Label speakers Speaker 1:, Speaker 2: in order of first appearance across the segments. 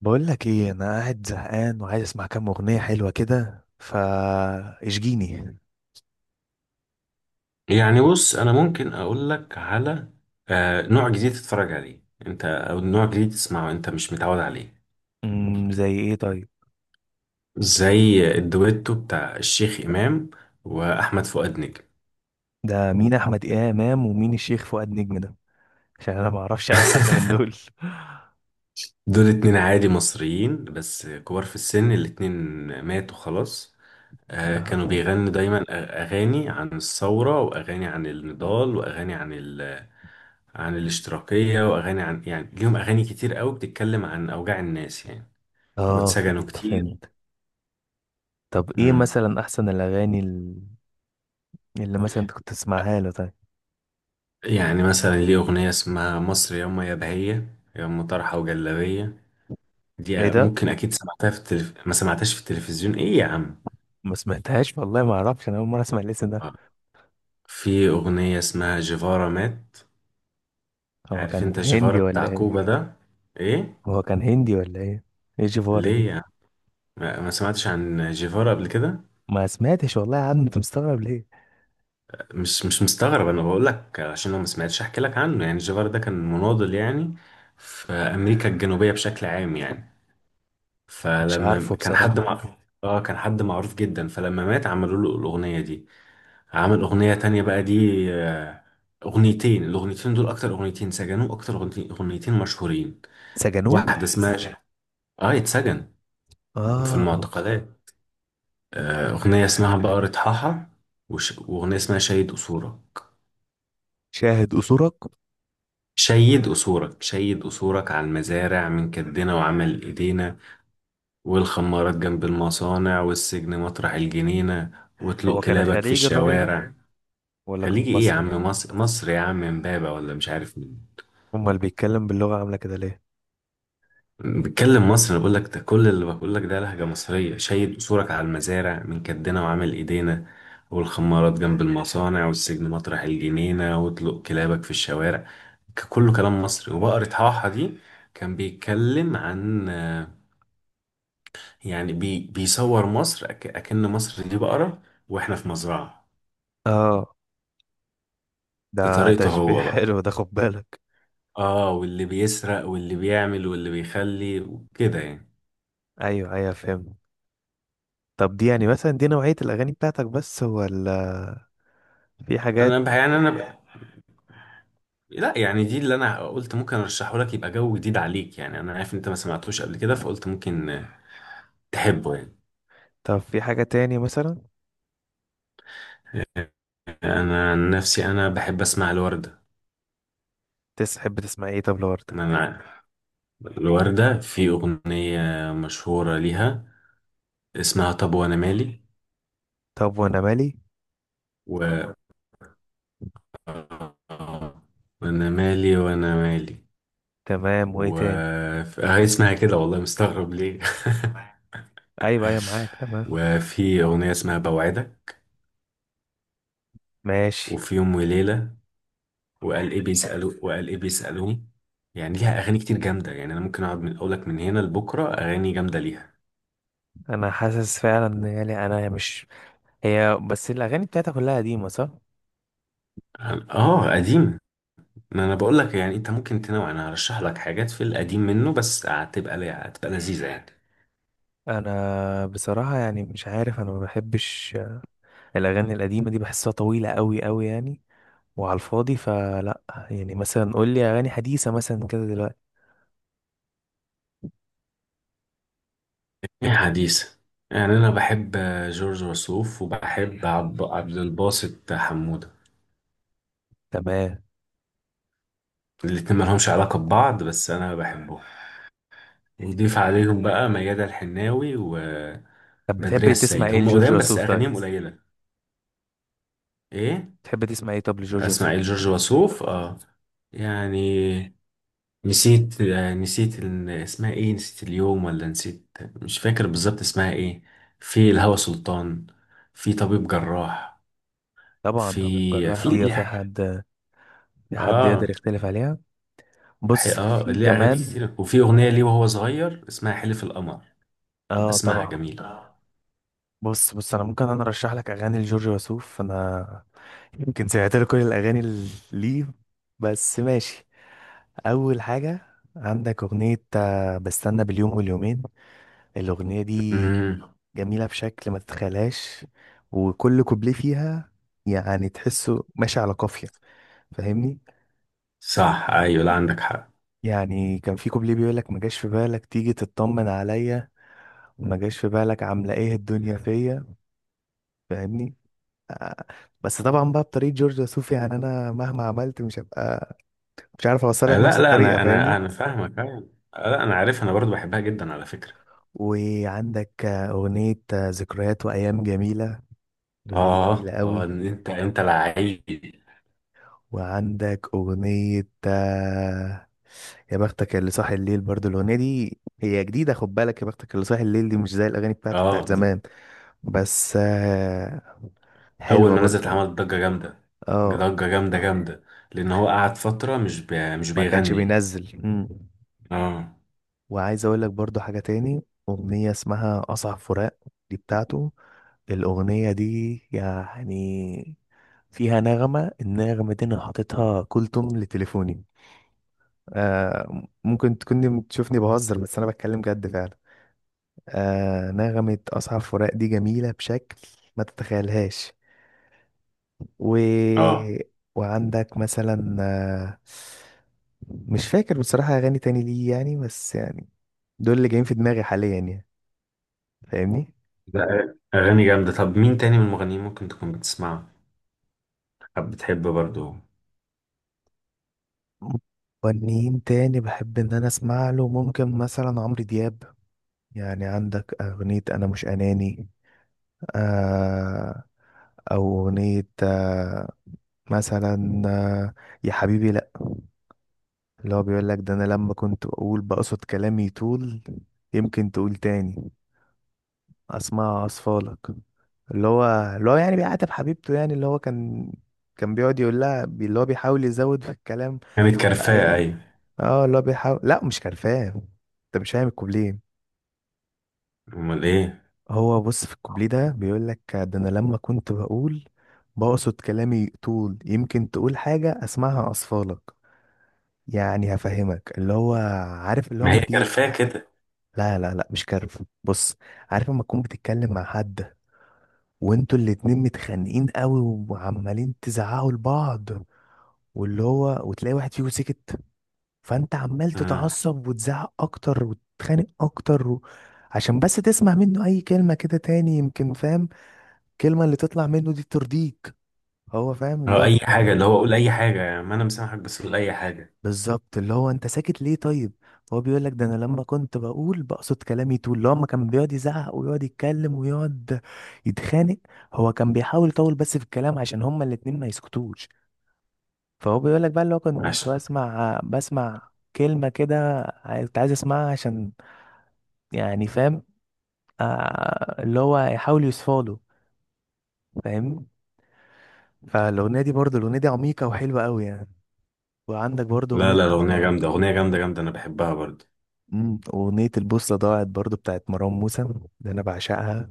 Speaker 1: بقول لك ايه، انا قاعد زهقان وعايز اسمع كام اغنيه حلوه كده فا اشجيني.
Speaker 2: يعني بص انا ممكن اقول لك على نوع جديد تتفرج عليه انت، او نوع جديد تسمعه انت مش متعود عليه،
Speaker 1: زي ايه طيب؟
Speaker 2: زي الدويتو بتاع الشيخ امام واحمد فؤاد نجم.
Speaker 1: ده مين احمد امام ومين الشيخ فؤاد نجم ده؟ عشان انا ما اعرفش اي حد من دول
Speaker 2: دول اتنين عادي مصريين بس كبار في السن الاتنين، ماتوا خلاص.
Speaker 1: اه.
Speaker 2: كانوا بيغنوا دايما اغاني عن الثوره، واغاني عن النضال، واغاني عن عن الاشتراكيه، واغاني عن يعني ليهم اغاني كتير قوي بتتكلم عن اوجاع الناس يعني، واتسجنوا
Speaker 1: فهمت
Speaker 2: كتير.
Speaker 1: فهمت. طب ايه
Speaker 2: مم.
Speaker 1: مثلا احسن الاغاني اللي مثلا انت كنت تسمعها له طيب؟
Speaker 2: يعني مثلا ليه أغنية اسمها مصر ياما يا بهية ياما طرحة وجلابية،
Speaker 1: ايه
Speaker 2: دي
Speaker 1: ده؟
Speaker 2: ممكن أكيد سمعتها في ما سمعتهاش في التلفزيون إيه يا عم؟
Speaker 1: ما سمعتهاش والله، ما اعرفش، انا اول مره اسمع الاسم ده.
Speaker 2: آه. في أغنية اسمها جيفارا مات.
Speaker 1: هو
Speaker 2: عارف أنت
Speaker 1: كان
Speaker 2: جيفارا
Speaker 1: هندي ولا
Speaker 2: بتاع
Speaker 1: ايه؟
Speaker 2: كوبا ده؟ إيه.
Speaker 1: هو كان هندي ولا ايه؟ ايه الجفاره
Speaker 2: ليه
Speaker 1: دي؟
Speaker 2: يا عم؟ ما سمعتش عن جيفارا قبل كده؟
Speaker 1: ما سمعتش والله يا عم، انت مستغرب ليه؟
Speaker 2: مش مستغرب، أنا بقول لك عشان لو ما سمعتش أحكي لك عنه. يعني جيفارا ده كان مناضل يعني في أمريكا الجنوبية بشكل عام يعني،
Speaker 1: مش عارفه
Speaker 2: فلما كان
Speaker 1: بصراحه.
Speaker 2: حد لا معروف جامد، اه كان حد معروف جدا، فلما مات عملوا له الأغنية دي. عمل أغنية تانية بقى دي، آه، أغنيتين. الأغنيتين دول أكتر أغنيتين سجنوا، أكتر أغنيتين، أغنيتين مشهورين.
Speaker 1: سجنوه؟
Speaker 2: واحدة اسمها ازاي، اه اتسجن في
Speaker 1: اه.
Speaker 2: المعتقلات، أغنية اسمها بقرة حاحة، وأغنية اسمها شيد أصولك.
Speaker 1: شاهد قصورك.
Speaker 2: شيد أصولك شيد أصولك على المزارع من كدنا وعمل إيدينا، والخمارات جنب المصانع، والسجن مطرح الجنينة،
Speaker 1: هو
Speaker 2: وطلق
Speaker 1: كان
Speaker 2: كلابك في
Speaker 1: خليجي الراجل ده
Speaker 2: الشوارع.
Speaker 1: ولا كان
Speaker 2: خليجي ايه يا
Speaker 1: مصري؟
Speaker 2: عم؟ مصر، مصر يا عم، امبابة ولا مش عارف مين.
Speaker 1: امال اللي بيتكلم باللغة عاملة كده ليه؟
Speaker 2: بتكلم مصر، انا بقول لك ده كل اللي بقول لك ده لهجة مصرية: شايل قصورك على المزارع من كدنا وعامل ايدينا، والخمارات جنب المصانع، والسجن مطرح الجنينة، واطلق كلابك في الشوارع. كله كلام مصري. وبقرة حاحة دي كان بيتكلم عن يعني بيصور مصر أكن مصر دي بقرة، واحنا في مزرعة،
Speaker 1: اه، ده
Speaker 2: بطريقته
Speaker 1: تشبيه
Speaker 2: هو
Speaker 1: حلو،
Speaker 2: بقى.
Speaker 1: ده خد بالك.
Speaker 2: اه واللي بيسرق واللي بيعمل واللي بيخلي وكده يعني.
Speaker 1: ايوه ايوه، فهمت. طب دي يعني مثلا دي نوعية الاغاني بتاعتك بس ولا في حاجات؟
Speaker 2: يعني يعني لا، يعني دي اللي انا قلت ممكن ارشحه لك، يبقى جو جديد عليك يعني. انا عارف إن انت ما سمعتوش قبل كده، فقلت ممكن تحبه يعني.
Speaker 1: طب في حاجة تاني مثلا؟
Speaker 2: انا عن نفسي انا بحب اسمع الوردة.
Speaker 1: تحب تسمع ايه طب لوردة؟
Speaker 2: انا الوردة في اغنية مشهورة ليها اسمها طب وانا مالي،
Speaker 1: طب وانا مالي.
Speaker 2: و وانا مالي وانا مالي
Speaker 1: تمام، وايه
Speaker 2: و
Speaker 1: تاني؟
Speaker 2: هي اسمها كده والله، مستغرب ليه؟
Speaker 1: ايوه ايوه، معاك تمام.
Speaker 2: وفي اغنية اسمها بوعدك،
Speaker 1: ماشي.
Speaker 2: وفي يوم وليلة، وقال ايه بيسألوا، وقال ايه بيسألوه. يعني ليها اغاني كتير جامده يعني، انا ممكن اقعد من اقولك من هنا لبكره اغاني جامده ليها.
Speaker 1: انا حاسس فعلا ان يعني انا مش، هي بس الاغاني بتاعتها كلها قديمة صح؟
Speaker 2: اه قديم. ما انا بقول لك يعني، انت ممكن تنوع، انا هرشح لك حاجات في القديم منه بس هتبقى، هتبقى لذيذه يعني.
Speaker 1: انا بصراحه يعني مش عارف، انا ما بحبش الاغاني القديمه دي، بحسها طويله قوي قوي يعني، وعلى الفاضي فلا. يعني مثلا قول لي اغاني حديثه مثلا كده دلوقتي.
Speaker 2: ايه حديث. يعني انا بحب جورج وسوف، وبحب عبد الباسط حموده.
Speaker 1: تمام،
Speaker 2: الاتنين مالهمش علاقه ببعض بس انا بحبهم. نضيف عليهم بقى ميادة الحناوي وبدرية
Speaker 1: طب بتحب تسمع
Speaker 2: السيد،
Speaker 1: ايه
Speaker 2: هم
Speaker 1: لجورج
Speaker 2: قدام بس
Speaker 1: وسوف طيب؟
Speaker 2: اغانيهم قليله. ايه؟
Speaker 1: بتحب تسمع ايه طب لجورج وسوف؟
Speaker 2: اسماعيل جورج وسوف اه. يعني نسيت، نسيت اسمها ايه، نسيت اليوم ولا نسيت، مش فاكر بالظبط اسمها ايه. في الهوى سلطان، في طبيب جراح،
Speaker 1: طبعا، طب
Speaker 2: في
Speaker 1: الجراح
Speaker 2: في آه.
Speaker 1: دي في
Speaker 2: ليه؟
Speaker 1: حد؟ في حد يقدر
Speaker 2: اه
Speaker 1: يختلف عليها؟ بص
Speaker 2: اه
Speaker 1: في
Speaker 2: ليه اغاني
Speaker 1: كمان.
Speaker 2: كتير، وفي اغنيه ليه وهو صغير اسمها حلف القمر، يبقى
Speaker 1: اه
Speaker 2: اسمعها
Speaker 1: طبعا.
Speaker 2: جميله.
Speaker 1: بص بص، انا ممكن انا ارشح لك اغاني لجورج وسوف، انا يمكن سمعت له كل الاغاني اللي ليه، بس ماشي. اول حاجه، عندك اغنيه بستنى باليوم واليومين. الاغنيه دي
Speaker 2: امم.
Speaker 1: جميله بشكل ما تتخيلهاش، وكل كوبليه فيها يعني تحسه ماشي على قافيه، فاهمني؟
Speaker 2: صح، ايوه، لا عندك حق.
Speaker 1: يعني كان في كوبليه بيقول لك ما جاش في بالك تيجي تطمن عليا، وما جاش في بالك عامله ايه الدنيا فيا. فاهمني آه، بس طبعا بقى بطريقه جورج وسوف، يعني انا مهما عملت مش هبقى، مش عارف اوصل لك نفس
Speaker 2: لا لا،
Speaker 1: الطريقه،
Speaker 2: انا انا
Speaker 1: فاهمني؟
Speaker 2: انا فاهمك أيوة. لا انا عارف، انا برضو بحبها جدا على فكره.
Speaker 1: وعندك أغنية ذكريات وأيام جميلة. الأغنية دي جميلة
Speaker 2: اه اه،
Speaker 1: قوي.
Speaker 2: إن انت لعيب.
Speaker 1: وعندك أغنية يا بختك اللي صاحي الليل، برضو الأغنية دي هي جديدة، خد بالك، يا بختك اللي صاحي الليل دي مش زي الأغاني بتاعته بتاعت
Speaker 2: اه
Speaker 1: زمان، بس
Speaker 2: اول
Speaker 1: حلوة
Speaker 2: ما نزلت
Speaker 1: برضو.
Speaker 2: عمل ضجه جامده،
Speaker 1: اه،
Speaker 2: ضجه جامده جامده، لان هو قعد فتره مش
Speaker 1: ما كانش
Speaker 2: بيغني.
Speaker 1: بينزل.
Speaker 2: اه.
Speaker 1: وعايز أقول لك برضو حاجة تاني، أغنية اسمها أصعب فراق، دي بتاعته. الأغنية دي يعني فيها نغمة، النغمة دي أنا حاططها كل توم لتليفوني. آه، ممكن تكوني تشوفني بهزر بس أنا بتكلم جد فعلا. آه، نغمة أصحاب فراق دي جميلة بشكل ما تتخيلهاش. و...
Speaker 2: اه
Speaker 1: وعندك مثلا آه، مش فاكر بصراحة أغاني تاني ليه يعني، بس يعني دول اللي جايين في دماغي حاليا يعني، فاهمني؟
Speaker 2: لا اغاني جامده. طب مين تاني من المغنيين ممكن تكون بتسمعه، حب بتحب برضو؟
Speaker 1: مغنيين تاني بحب إن أنا أسمع له، ممكن مثلا عمرو دياب. يعني عندك أغنية أنا مش أناني، آه، او اغنية آه، مثلا آه، يا حبيبي لا، اللي هو بيقول لك ده: انا لما كنت اقول بقصد كلامي يطول، يمكن تقول تاني اسمع اصفالك. اللي هو اللي هو يعني بيعاتب حبيبته، يعني اللي هو كان بيقعد يقول لها اللي هو بيحاول يزود في الكلام.
Speaker 2: كانت
Speaker 1: بقى
Speaker 2: كرفاء
Speaker 1: إيه؟
Speaker 2: ايوه.
Speaker 1: اه، اللي هو بيحاول، لا مش كرفان، انت مش فاهم الكوبليه.
Speaker 2: امال ايه؟
Speaker 1: هو بص في الكوبليه ده بيقول لك ده: انا لما كنت بقول بقصد كلامي طول، يمكن تقول حاجة اسمعها اصفالك. يعني هفهمك، اللي هو عارف، اللي هو
Speaker 2: ما هي
Speaker 1: ما تيجي،
Speaker 2: كرفاء كده.
Speaker 1: لا لا لا مش كارف، بص. عارف لما تكون بتتكلم مع حد وانتوا الاتنين متخانقين قوي وعمالين تزعقوا لبعض، واللي هو وتلاقي واحد فيكم سكت، فانت عمال
Speaker 2: اه.
Speaker 1: تتعصب وتزعق اكتر وتتخانق اكتر و... عشان بس تسمع منه اي كلمة كده تاني، يمكن فاهم؟ الكلمة اللي تطلع منه دي ترضيك، هو فاهم اللي
Speaker 2: أو
Speaker 1: هو.
Speaker 2: اي حاجه، اللي هو قول اي حاجه يعني، ما انا مسامحك بس قول اي حاجه.
Speaker 1: بالظبط، اللي هو انت ساكت ليه طيب؟ هو بيقول لك ده: انا لما كنت بقول بقصد كلامي طول، اللي هو ما كان بيقعد يزعق ويقعد يتكلم ويقعد يتخانق، هو كان بيحاول يطول بس في الكلام عشان هما الاتنين ما يسكتوش. فهو بيقول لك بقى اللي هو كنت
Speaker 2: عشان.
Speaker 1: بسمع، بسمع كلمة كده كنت عايز اسمعها عشان يعني، فاهم؟ آه، اللي هو يحاول يصفاله، فاهم؟ فالأغنية دي برضه، الأغنية دي عميقة وحلوة قوي يعني. وعندك برضه
Speaker 2: لا
Speaker 1: أغنية،
Speaker 2: لا الاغنيه جامده، اغنيه جامده جامده، انا بحبها برضو.
Speaker 1: أغنية البوصلة ضاعت برضو بتاعت مروان موسى، ده أنا بعشقها.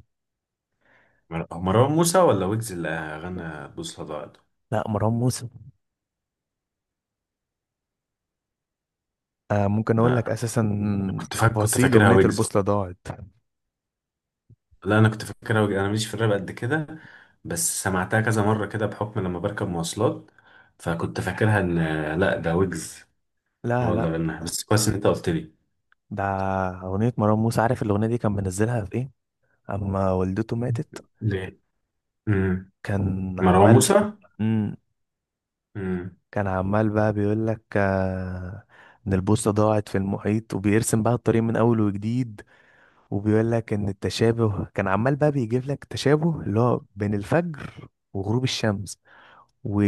Speaker 2: هو مروان موسى ولا ويجز اللي غنى بوصلة ضاعت؟
Speaker 1: لا مروان موسى. آه، ممكن أقول لك
Speaker 2: لا، أنا
Speaker 1: أساسا
Speaker 2: كنت فاكر، كنت
Speaker 1: تفاصيل
Speaker 2: فاكرها
Speaker 1: أغنية
Speaker 2: ويجز.
Speaker 1: البوصلة ضاعت.
Speaker 2: لا انا كنت فاكرها ويجز، انا ماليش في الراب قد كده، بس سمعتها كذا مرة كده بحكم لما بركب مواصلات، فكنت فاكرها ان لا ده ويجز
Speaker 1: لا
Speaker 2: هو اللي
Speaker 1: لا،
Speaker 2: غناها. بس كويس ان انت قلت لي.
Speaker 1: ده أغنية مروان موسى. عارف الأغنية دي كان منزلها في إيه؟ أما والدته ماتت.
Speaker 2: ليه؟ امم.
Speaker 1: كان
Speaker 2: مروان
Speaker 1: عمال.
Speaker 2: موسى.
Speaker 1: مم.
Speaker 2: امم.
Speaker 1: كان عمال بقى بيقول لك آه، إن البوصلة ضاعت في المحيط وبيرسم بقى الطريق من أول وجديد، وبيقول لك إن التشابه، كان عمال بقى بيجيب لك تشابه اللي هو بين الفجر وغروب الشمس، و...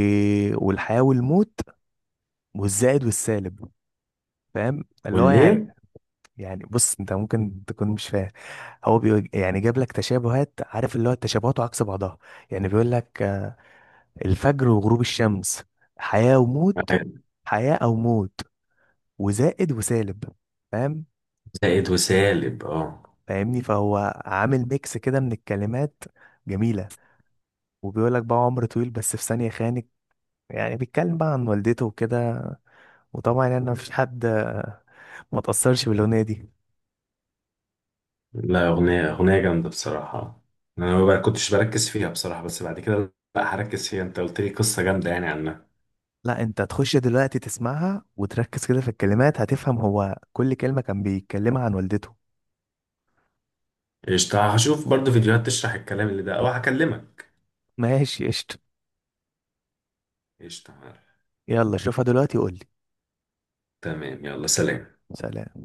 Speaker 1: والحياة والموت، والزائد والسالب، فاهم اللي هو يعني؟
Speaker 2: والايه؟
Speaker 1: يعني بص انت ممكن تكون مش فاهم، يعني جاب لك تشابهات، عارف اللي هو التشابهات وعكس بعضها، يعني بيقول لك الفجر وغروب الشمس، حياة وموت، حياة او موت، وزائد وسالب، فاهم؟
Speaker 2: زائد وسالب اه.
Speaker 1: فاهمني؟ فهو عامل ميكس كده من الكلمات جميلة، وبيقول لك بقى: عمر طويل بس في ثانية خانك، يعني بيتكلم بقى عن والدته وكده. وطبعا يعني مفيش حد ما تأثرش بالأغنية دي.
Speaker 2: لا اغنية، اغنية جامدة بصراحة. انا ما بقى- كنتش بركز فيها بصراحة، بس بعد كده لا هركز فيها، انت قلت لي قصة جامدة يعني عنها.
Speaker 1: لا انت تخش دلوقتي تسمعها وتركز كده في الكلمات، هتفهم هو كل كلمة كان بيتكلمها عن والدته.
Speaker 2: قشطة، هشوف برضه فيديوهات تشرح الكلام اللي ده أو هكلمك.
Speaker 1: ماشي قشطة.
Speaker 2: قشطة.
Speaker 1: يلا شوفها دلوقتي وقول لي.
Speaker 2: تمام، يلا سلام.
Speaker 1: سلام.